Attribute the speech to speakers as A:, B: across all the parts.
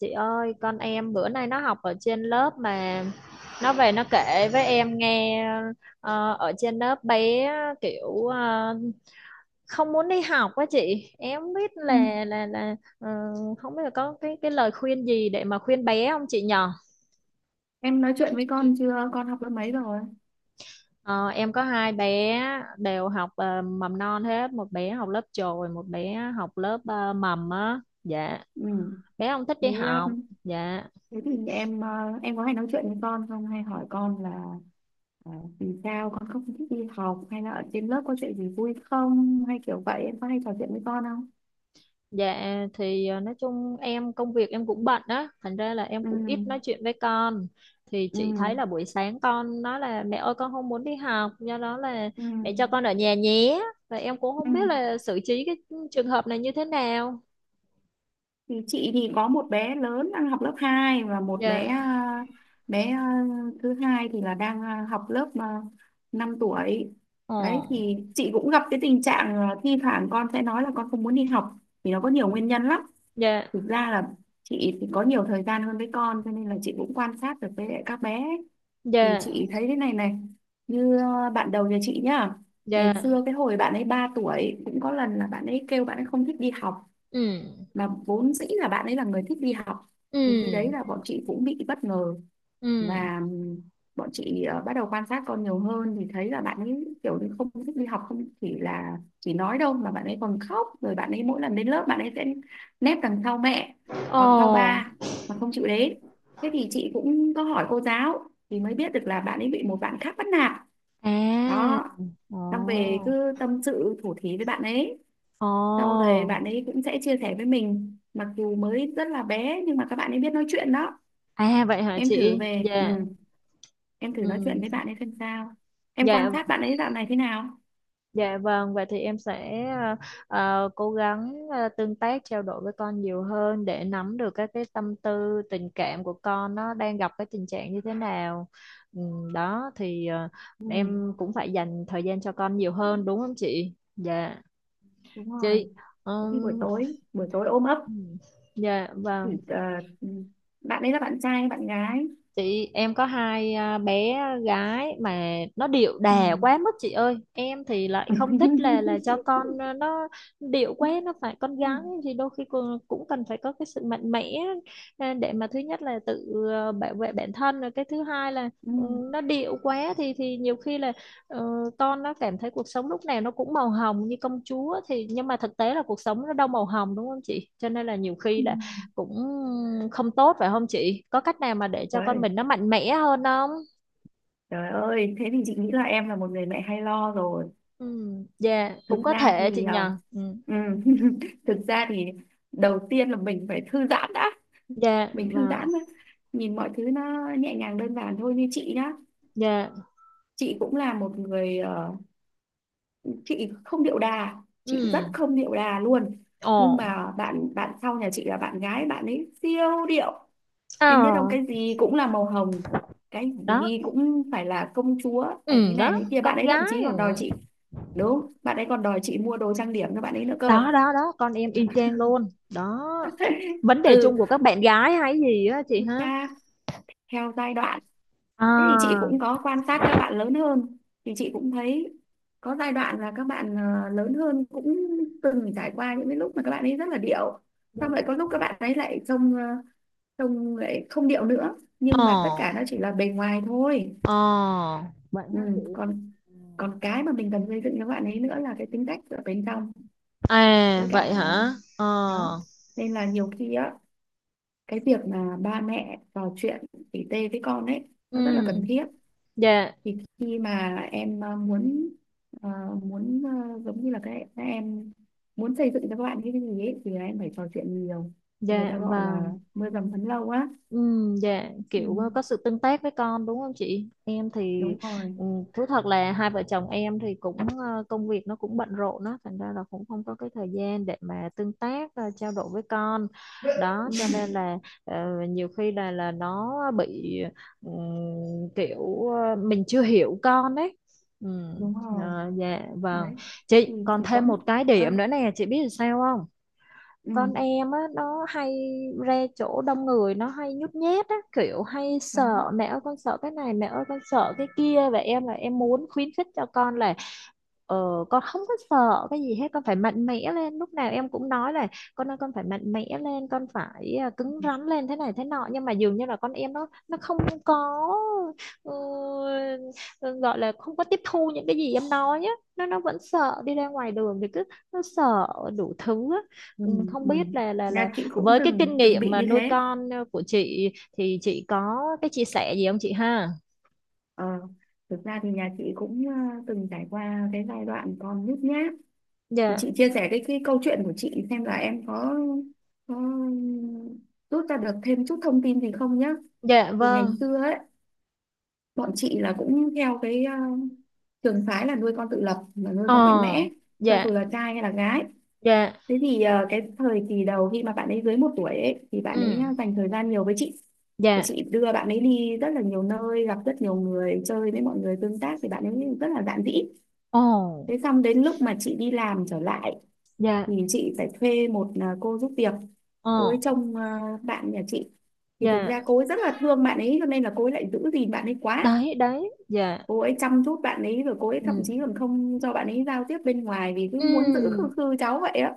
A: Chị ơi, con em bữa nay nó học ở trên lớp mà nó về nó kể với em nghe, ở trên lớp bé kiểu không muốn đi học quá chị. Em không biết
B: Ừ.
A: là không biết là có cái lời khuyên gì để mà khuyên bé không chị nhờ?
B: Em nói chuyện với con chưa? Con học lớp mấy rồi?
A: Ờ, em có hai bé đều học mầm non hết, một bé học lớp chồi, một bé học lớp mầm á. Dạ,
B: Ừ.
A: bé không thích
B: Thế,
A: đi học.
B: um,
A: Dạ.
B: thế thì em có hay nói chuyện với con không? Hay hỏi con là ờ, vì sao con không thích đi học? Hay là ở trên lớp có chuyện gì vui không? Hay kiểu vậy em có hay trò chuyện với con không?
A: Dạ thì nói chung em công việc em cũng bận á, thành ra là em
B: Ừ.
A: cũng ít nói chuyện với con. Thì
B: Ừ.
A: chị thấy là buổi sáng con nói là mẹ ơi con không muốn đi học, do đó là
B: Ừ.
A: mẹ cho con ở nhà nhé. Và em cũng
B: Ừ.
A: không biết là xử trí cái trường hợp này như thế nào.
B: Thì chị thì có một bé lớn đang học lớp 2 và một bé
A: Dạ.
B: bé à, thứ hai thì là đang học lớp 5 tuổi. Đấy thì
A: Ồ.
B: chị cũng gặp cái tình trạng thi thoảng con sẽ nói là con không muốn đi học vì nó có nhiều nguyên nhân lắm.
A: Dạ.
B: Thực ra là chị thì có nhiều thời gian hơn với con cho nên là chị cũng quan sát được với lại các bé ấy. Thì
A: Dạ.
B: chị thấy thế này này, như bạn đầu nhà chị nhá.
A: Dạ.
B: Ngày xưa cái hồi bạn ấy 3 tuổi cũng có lần là bạn ấy kêu bạn ấy không thích đi học,
A: Ừ.
B: mà vốn dĩ là bạn ấy là người thích đi học. Thì khi đấy
A: Ừ.
B: là bọn chị cũng bị bất ngờ,
A: Ừ.
B: và bọn chị bắt đầu quan sát con nhiều hơn thì thấy là bạn ấy kiểu như không thích đi học, không chỉ là chỉ nói đâu mà bạn ấy còn khóc. Rồi bạn ấy mỗi lần đến lớp bạn ấy sẽ nép đằng sau mẹ hoặc sau
A: Ồ.
B: ba mà không chịu đến. Thế thì chị cũng có hỏi cô giáo thì mới biết được là bạn ấy bị một bạn khác bắt nạt
A: À.
B: đó. Xong về
A: Ồ.
B: cứ tâm sự thủ thí với bạn ấy,
A: Ồ.
B: sau đấy bạn ấy cũng sẽ chia sẻ với mình, mặc dù mới rất là bé nhưng mà các bạn ấy biết nói chuyện đó.
A: À vậy hả
B: Em thử
A: chị?
B: về,
A: Dạ.
B: em thử nói chuyện
A: Ừ.
B: với bạn ấy xem sao, em quan
A: Dạ,
B: sát bạn ấy dạo này thế nào.
A: dạ vâng, vậy thì em sẽ cố gắng tương tác trao đổi với con nhiều hơn để nắm được các cái tâm tư, tình cảm của con, nó đang gặp cái tình trạng như thế nào. Đó thì
B: Ừ.
A: em cũng phải dành thời gian cho con nhiều hơn đúng không chị? Dạ
B: Đúng rồi,
A: chị.
B: có khi
A: Ừm,
B: buổi tối ôm ấp
A: ừ, dạ
B: thì,
A: vâng.
B: ừ. Bạn ấy là bạn trai hay bạn gái?
A: Chị, em có hai bé gái mà nó điệu
B: Ừ.
A: đà quá mức chị ơi, em thì lại không thích là cho con, nó điệu quá, nó phải con gái thì đôi khi cũng cần phải có cái sự mạnh mẽ, để mà thứ nhất là tự bảo vệ bản thân, rồi cái thứ hai là ừ,
B: Ừ.
A: nó điệu quá thì nhiều khi là ờ, con nó cảm thấy cuộc sống lúc nào nó cũng màu hồng như công chúa, thì nhưng mà thực tế là cuộc sống nó đâu màu hồng, đúng không chị, cho nên là nhiều
B: Ừ.
A: khi là cũng không tốt phải không chị? Có cách nào mà để cho con
B: Trời,
A: mình nó mạnh mẽ hơn không?
B: trời ơi, thế thì chị nghĩ là em là một người mẹ hay lo rồi.
A: Ừ, dạ, cũng
B: Thực
A: có
B: ra
A: thể chị
B: thì
A: nhờ. Ừ,
B: ừ, thực ra thì đầu tiên là mình phải thư giãn đã,
A: dạ,
B: mình thư
A: và
B: giãn đã. Nhìn mọi thứ nó nhẹ nhàng đơn giản thôi, như chị nhá,
A: dạ,
B: chị cũng là một người, chị không điệu đà, chị rất
A: ừ,
B: không điệu đà luôn. Nhưng
A: ồ,
B: mà bạn bạn sau nhà chị là bạn gái, bạn ấy siêu điệu.
A: ờ,
B: Em biết không, cái gì cũng là màu hồng, cái
A: đó,
B: gì cũng phải là công chúa, phải thế
A: ừ,
B: này
A: đó,
B: thế kia. Bạn
A: con
B: ấy thậm
A: gái,
B: chí còn đòi
A: ừ.
B: chị, đúng, bạn ấy còn đòi chị mua đồ trang điểm cho bạn ấy nữa cơ.
A: Đó, đó, đó, con em y chang luôn, đó. Vấn đề chung
B: Ừ,
A: của các bạn gái hay gì á chị
B: chúng
A: hả?
B: ta theo giai đoạn. Thế thì chị
A: À,
B: cũng có quan sát các bạn lớn hơn, thì chị cũng thấy có giai đoạn là các bạn lớn hơn cũng từng trải qua những cái lúc mà các bạn ấy rất là điệu,
A: dạ,
B: xong lại có lúc các bạn ấy lại trông, trông lại không điệu nữa, nhưng
A: ồ,
B: mà tất cả nó chỉ là bề ngoài thôi.
A: ồ vậy
B: Ừ,
A: hả chị?
B: còn
A: Ừ.
B: còn cái mà mình cần xây dựng cho bạn ấy nữa là cái tính cách ở bên trong, với
A: À, vậy
B: cả
A: hả? Ờ,
B: đó, nên là nhiều khi á cái việc mà ba mẹ trò chuyện tỉ tê với con ấy nó rất là
A: ừ,
B: cần thiết.
A: dạ,
B: Thì khi mà em ờ, muốn, giống như là cái các em muốn xây dựng cho các bạn như cái gì ấy thì là em phải trò chuyện nhiều, thì người
A: dạ,
B: ta gọi
A: và
B: là mưa dầm thấm lâu á.
A: ừ, dạ
B: Ừ,
A: kiểu có sự tương tác với con đúng không chị? Em thì
B: đúng rồi.
A: ừ, thú thật là hai vợ chồng em thì cũng công việc nó cũng bận rộn đó, thành ra là cũng không có cái thời gian để mà tương tác, trao đổi với con. Đó
B: Ừ,
A: cho nên là ờ, nhiều khi là nó bị ừ, kiểu mình chưa hiểu con ấy. Ừ,
B: đúng rồi,
A: ờ, dạ vâng.
B: đấy thì
A: Chị còn
B: chỉ có
A: thêm một cái
B: ơi,
A: điểm nữa nè, chị biết là sao không?
B: ừ,
A: Con em á, nó hay ra chỗ đông người nó hay nhút nhát á, kiểu hay
B: đó,
A: sợ, mẹ ơi con sợ cái này, mẹ ơi con sợ cái kia, và em là em muốn khuyến khích cho con là ờ, con không có sợ cái gì hết, con phải mạnh mẽ lên, lúc nào em cũng nói là con ơi con phải mạnh mẽ lên con phải cứng rắn lên thế này thế nọ, nhưng mà dường như là con em nó không có ừ, gọi là không có tiếp thu những cái gì em nói á, nó vẫn sợ, đi ra ngoài đường thì cứ nó sợ đủ thứ á.
B: ừ,
A: Ừ, không
B: ừ.
A: biết là
B: Nhà chị cũng
A: với cái kinh
B: từng từng
A: nghiệm
B: bị
A: mà
B: như
A: nuôi
B: thế.
A: con của chị thì chị có cái chia sẻ gì không chị ha?
B: Ờ, thực ra thì nhà chị cũng từng trải qua cái giai đoạn còn nhút nhát.
A: Dạ,
B: Chị chia sẻ cái câu chuyện của chị xem là em có rút ra được thêm chút thông tin gì không nhá.
A: dạ
B: Thì
A: vâng.
B: ngày xưa ấy, bọn chị là cũng theo cái trường phái là nuôi con tự lập mà nuôi con mạnh
A: Ờ,
B: mẽ, cho
A: dạ,
B: dù là trai hay là gái.
A: dạ.
B: Thế thì cái thời kỳ đầu khi mà bạn ấy dưới một tuổi ấy thì bạn ấy
A: Ừ,
B: dành thời gian nhiều với chị, và
A: dạ.
B: chị đưa bạn ấy đi rất là nhiều nơi, gặp rất nhiều người, chơi với mọi người tương tác thì bạn ấy rất là dạn dĩ.
A: Ồ,
B: Thế xong đến lúc mà chị đi làm trở lại
A: dạ.
B: thì chị phải thuê một cô giúp việc, cô ấy
A: Ờ,
B: trông bạn nhà chị. Thì thực
A: dạ.
B: ra cô ấy rất là thương bạn ấy cho nên là cô ấy lại giữ gìn bạn ấy quá,
A: Đấy, đấy, dạ.
B: cô ấy chăm chút bạn ấy, rồi cô ấy thậm
A: Ừ.
B: chí còn không cho bạn ấy giao tiếp bên ngoài vì cứ muốn giữ khư
A: Ừ.
B: khư cháu vậy á.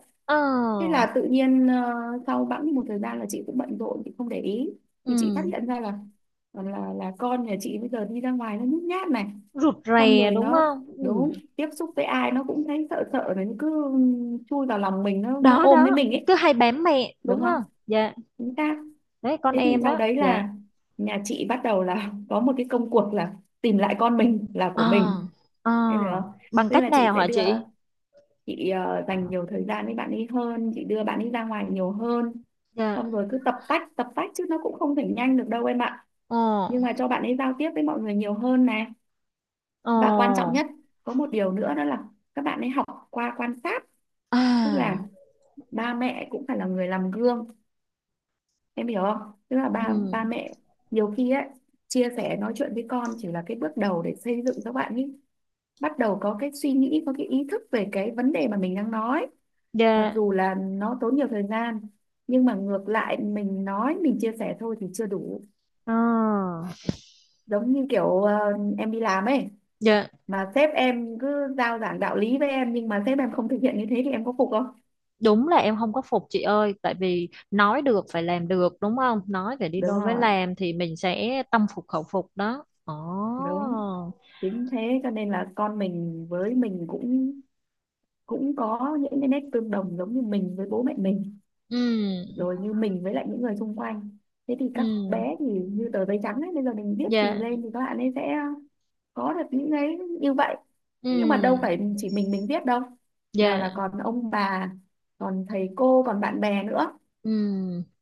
B: Thế
A: Ờ.
B: là tự nhiên sau bẵng một thời gian là chị cũng bận rộn, chị không để ý, thì chị phát
A: Ừ.
B: hiện ra là là con nhà chị bây giờ đi ra ngoài nó nhút nhát này.
A: Rụt
B: Xong
A: rè
B: rồi
A: đúng
B: nó,
A: không? Ừ.
B: đúng, tiếp xúc với ai nó cũng thấy sợ sợ này, nó cứ chui vào lòng mình, nó
A: Đó
B: ôm lấy
A: đó,
B: mình ấy.
A: cứ hay bám mẹ
B: Đúng
A: đúng
B: không,
A: không? Dạ.
B: chính xác.
A: Đấy con
B: Thế thì
A: em
B: sau
A: đó,
B: đấy
A: dạ.
B: là nhà chị bắt đầu là có một cái công cuộc là tìm lại con mình là
A: Ờ.
B: của mình,
A: Ờ.
B: em hiểu không.
A: Bằng
B: Tức
A: cách
B: là chị
A: nào
B: sẽ
A: hả
B: đưa,
A: chị?
B: chị dành nhiều thời gian với bạn ấy hơn, chị đưa bạn ấy ra ngoài nhiều hơn,
A: Dạ.
B: xong rồi cứ tập tách chứ nó cũng không thể nhanh được đâu em ạ.
A: Ờ.
B: Nhưng mà cho bạn ấy giao tiếp với mọi người nhiều hơn này, và quan trọng
A: Ồ,
B: nhất, có một điều nữa đó là các bạn ấy học qua quan sát. Tức là
A: à,
B: ba mẹ cũng phải là người làm gương, em hiểu không. Tức là
A: ừ,
B: ba ba mẹ nhiều khi ấy chia sẻ nói chuyện với con chỉ là cái bước đầu để xây dựng các bạn ấy, bắt đầu có cái suy nghĩ, có cái ý thức về cái vấn đề mà mình đang nói, mặc
A: dạ,
B: dù là nó tốn nhiều thời gian. Nhưng mà ngược lại mình nói mình chia sẻ thôi thì chưa đủ.
A: ờ,
B: Giống như kiểu em đi làm ấy,
A: dạ,
B: mà sếp em cứ giao giảng đạo lý với em, nhưng mà sếp em không thực hiện như thế thì em có phục không?
A: đúng là em không có phục chị ơi, tại vì nói được phải làm được đúng không? Nói phải đi
B: Đúng
A: đôi với
B: rồi,
A: làm thì mình sẽ tâm phục khẩu phục đó. Ồ,
B: đúng, chính thế. Cho nên là con mình với mình cũng cũng có những cái nét tương đồng, giống như mình với bố mẹ mình,
A: ừ,
B: rồi như mình với lại những người xung quanh. Thế thì các
A: ừ,
B: bé thì như tờ giấy trắng ấy, bây giờ mình viết gì
A: dạ,
B: lên thì các bạn ấy sẽ có được những cái như vậy. Thế nhưng mà đâu
A: ừ,
B: phải chỉ mình viết đâu, nào
A: dạ,
B: là còn ông bà, còn thầy cô, còn bạn bè nữa,
A: ừ,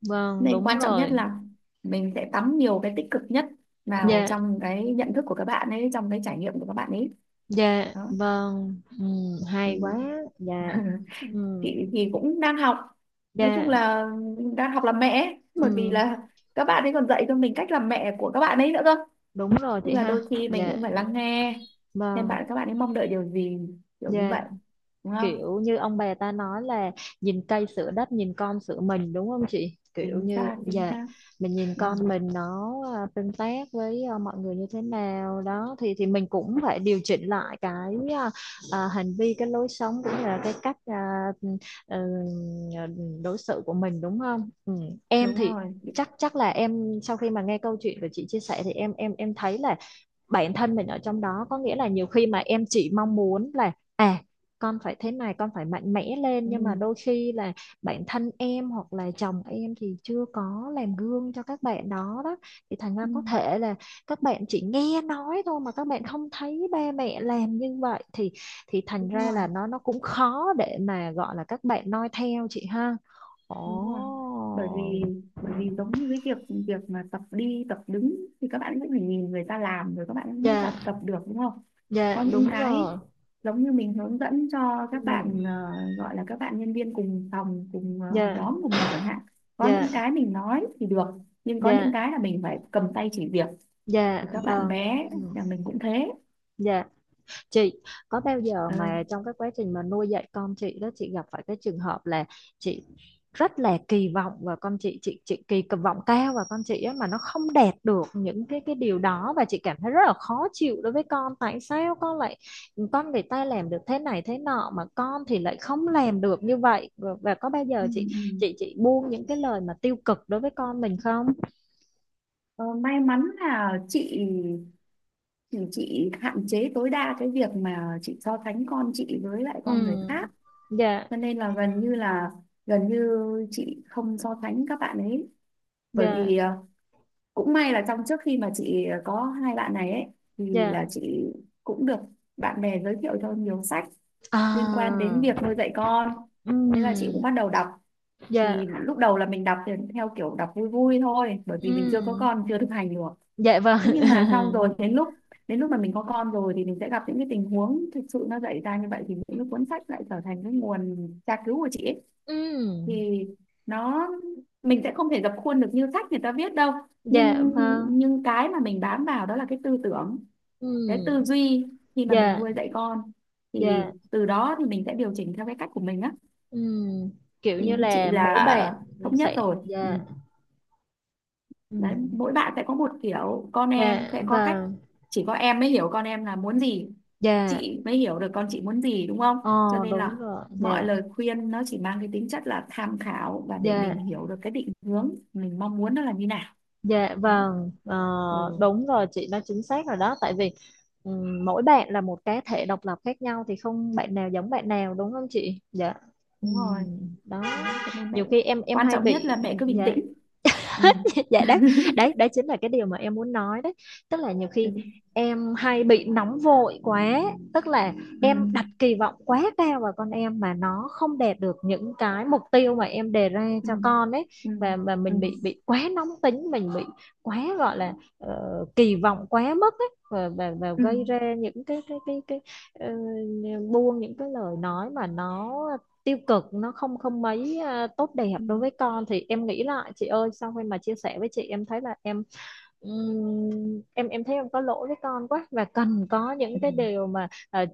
A: vâng,
B: nên
A: đúng
B: quan trọng nhất
A: rồi,
B: là mình sẽ tắm nhiều cái tích cực nhất vào
A: dạ,
B: trong cái nhận thức của các bạn ấy, trong cái trải nghiệm của các bạn ấy.
A: dạ,
B: Đó.
A: vâng, ừ,
B: Ừ.
A: hay quá, dạ, ừ,
B: Chị thì cũng đang học, nói
A: dạ,
B: chung là đang học làm mẹ ấy,
A: ừ,
B: bởi vì là các bạn ấy còn dạy cho mình cách làm mẹ của các bạn ấy nữa cơ.
A: đúng rồi
B: Tức
A: chị
B: là
A: ha,
B: đôi khi mình
A: dạ,
B: cũng phải lắng nghe xem
A: vâng,
B: các bạn ấy mong đợi điều gì, kiểu như
A: dạ.
B: vậy, đúng không.
A: Kiểu như ông bà ta nói là nhìn cây sửa đất nhìn con sửa mình đúng không chị, kiểu
B: Chính
A: như
B: xác, chính
A: dạ
B: xác.
A: mình nhìn
B: Ừ,
A: con mình nó tương tác với mọi người như thế nào đó thì mình cũng phải điều chỉnh lại cái hành vi cái lối sống cũng như là cái cách ờ, đối xử của mình đúng không, ừ. Em
B: đúng
A: thì
B: rồi.
A: chắc chắc là em sau khi mà nghe câu chuyện của chị chia sẻ thì em thấy là bản thân mình ở trong đó, có nghĩa là nhiều khi mà em chỉ mong muốn là con phải thế này con phải mạnh mẽ lên,
B: Ừ,
A: nhưng mà đôi khi là bản thân em hoặc là chồng em thì chưa có làm gương cho các bạn đó, đó thì thành ra
B: ừ,
A: có thể là các bạn chỉ nghe nói thôi mà các bạn không thấy ba mẹ làm như vậy thì thành
B: đúng
A: ra
B: rồi,
A: là nó cũng khó để mà gọi là các bạn noi theo chị ha.
B: đúng rồi. bởi vì
A: Ồ,
B: bởi vì giống như cái việc việc mà tập đi tập đứng thì các bạn cũng phải nhìn người ta làm rồi các bạn mới tập
A: dạ,
B: tập được, đúng không.
A: dạ
B: Có những
A: đúng
B: cái
A: rồi.
B: giống như mình hướng dẫn cho
A: Ừ,
B: các bạn, gọi là các bạn nhân viên cùng phòng cùng
A: dạ
B: nhóm của mình chẳng hạn, có những
A: dạ
B: cái mình nói thì được, nhưng có những
A: dạ.
B: cái là mình phải cầm tay chỉ việc,
A: Dạ
B: thì các bạn
A: vâng.
B: bé
A: Ừ,
B: nhà mình cũng thế.
A: dạ chị, có bao giờ mà
B: Ơi.
A: trong cái quá trình mà nuôi dạy con chị đó chị gặp phải cái trường hợp là chị rất là kỳ vọng và con chị chị kỳ vọng cao và con chị á mà nó không đạt được những cái điều đó và chị cảm thấy rất là khó chịu đối với con, tại sao con lại con người ta làm được thế này thế nọ mà con thì lại không làm được như vậy, và có bao
B: Ừ,
A: giờ chị
B: ừ.
A: chị buông những cái lời mà tiêu cực đối với con mình không?
B: Ờ, may mắn là chị thì chị hạn chế tối đa cái việc mà chị so sánh con chị với lại
A: Ừ.
B: con người khác.
A: Dạ
B: Cho nên là gần như chị không so sánh các bạn ấy, bởi
A: dạ
B: vì cũng may là trong trước khi mà chị có hai bạn này ấy thì
A: dạ.
B: là chị cũng được bạn bè giới thiệu cho nhiều sách liên quan đến
A: À,
B: việc nuôi dạy con, thế là chị cũng
A: ừm,
B: bắt đầu đọc.
A: dạ,
B: Thì lúc đầu là mình đọc thì theo kiểu đọc vui vui thôi bởi vì mình chưa có
A: ừm,
B: con, chưa thực hành được.
A: dạ vâng,
B: Thế nhưng mà xong rồi đến lúc mà mình có con rồi thì mình sẽ gặp những cái tình huống thực sự nó dạy ra như vậy, thì những cái cuốn sách lại trở thành cái nguồn tra cứu của chị ấy.
A: ừm,
B: Thì nó, mình sẽ không thể dập khuôn được như sách người ta viết đâu,
A: dạ
B: nhưng
A: vâng,
B: nhưng cái mà mình bám vào đó là cái tư tưởng, cái tư
A: ừm,
B: duy khi mà mình
A: dạ,
B: nuôi dạy con, thì
A: dạ,
B: từ đó thì mình sẽ điều chỉnh theo cái cách của mình á.
A: ừm, kiểu
B: Thì
A: như
B: như chị
A: là mỗi
B: là
A: bạn
B: thống nhất
A: sẽ,
B: rồi. Ừ,
A: dạ,
B: đấy
A: ừm,
B: mỗi bạn sẽ có một kiểu, con em
A: dạ
B: sẽ có cách,
A: vâng,
B: chỉ có em mới hiểu con em là muốn gì,
A: dạ,
B: chị mới hiểu được con chị muốn gì, đúng không.
A: ờ
B: Cho nên
A: đúng
B: là
A: rồi,
B: mọi
A: dạ,
B: lời khuyên nó chỉ mang cái tính chất là tham khảo, và để
A: dạ.
B: mình hiểu được cái định hướng mình mong muốn nó là như nào.
A: Dạ
B: Đó.
A: vâng, ờ,
B: Ừ,
A: đúng rồi chị nói chính xác rồi đó, tại vì mỗi bạn là một cá thể độc lập khác nhau thì không bạn nào giống bạn nào đúng không chị? Dạ.
B: đúng rồi.
A: Đó.
B: Đấy cho nên mẹ
A: Nhiều khi em
B: quan
A: hay
B: trọng nhất là
A: bị,
B: mẹ cứ bình
A: dạ,
B: tĩnh. Ừ.
A: hết dạ đấy, đấy đấy chính là cái điều mà em muốn nói đấy, tức là nhiều
B: Ừ.
A: khi em hay bị nóng vội quá, tức là
B: Ừ.
A: em đặt kỳ vọng quá cao vào con em mà nó không đạt được những cái mục tiêu mà em đề ra
B: Ừ.
A: cho con ấy,
B: Ừ.
A: và
B: Ừ.
A: mình bị quá nóng tính, mình bị quá gọi là ờ, kỳ vọng quá mức ấy, và
B: Ừ.
A: gây ra những cái ờ, buông những cái lời nói mà nó tiêu cực, nó không không mấy tốt đẹp
B: Ừ.
A: đối với con, thì em nghĩ lại chị ơi, sau khi mà chia sẻ với chị em thấy là em ừm, em thấy em có lỗi với con quá và cần có những
B: Ừ.
A: cái điều mà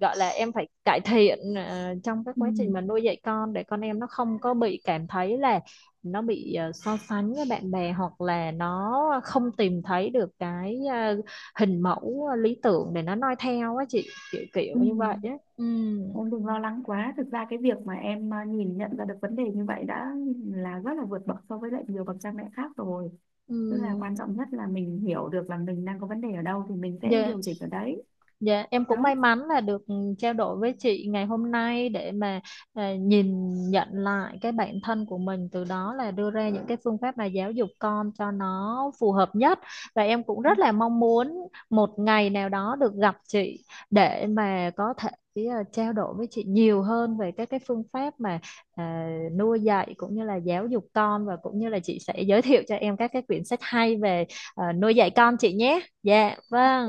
A: gọi là em phải cải thiện, trong cái
B: Ừ.
A: quá trình mà nuôi dạy con, để con em nó không có bị cảm thấy là nó bị so sánh với bạn bè hoặc là nó không tìm thấy được cái hình mẫu lý tưởng để nó noi theo á chị, kiểu
B: Ừ.
A: kiểu như vậy á, ừ,
B: Em đừng lo lắng quá. Thực ra cái việc mà em nhìn nhận ra được vấn đề như vậy đã là rất là vượt bậc so với lại nhiều bậc cha mẹ khác rồi.
A: ừ.
B: Tức là quan trọng nhất là mình hiểu được là mình đang có vấn đề ở đâu thì mình sẽ
A: Dạ,
B: điều chỉnh ở đấy.
A: dạ em cũng
B: Đó.
A: may mắn là được trao đổi với chị ngày hôm nay để mà nhìn nhận lại cái bản thân của mình, từ đó là đưa ra những cái phương pháp mà giáo dục con cho nó phù hợp nhất, và em cũng rất là mong muốn một ngày nào đó được gặp chị để mà có thể trao đổi với chị nhiều hơn về các cái phương pháp mà à, nuôi dạy cũng như là giáo dục con, và cũng như là chị sẽ giới thiệu cho em các cái quyển sách hay về nuôi dạy con chị nhé. Dạ,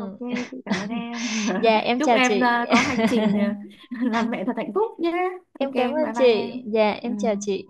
B: Ok, chị cảm ơn em.
A: Dạ em
B: Chúc
A: chào
B: em
A: chị.
B: có hành trình làm mẹ thật hạnh phúc nhé. Ok,
A: Em cảm
B: bye
A: ơn
B: bye
A: chị.
B: em.
A: Dạ em chào
B: Ừ.
A: chị.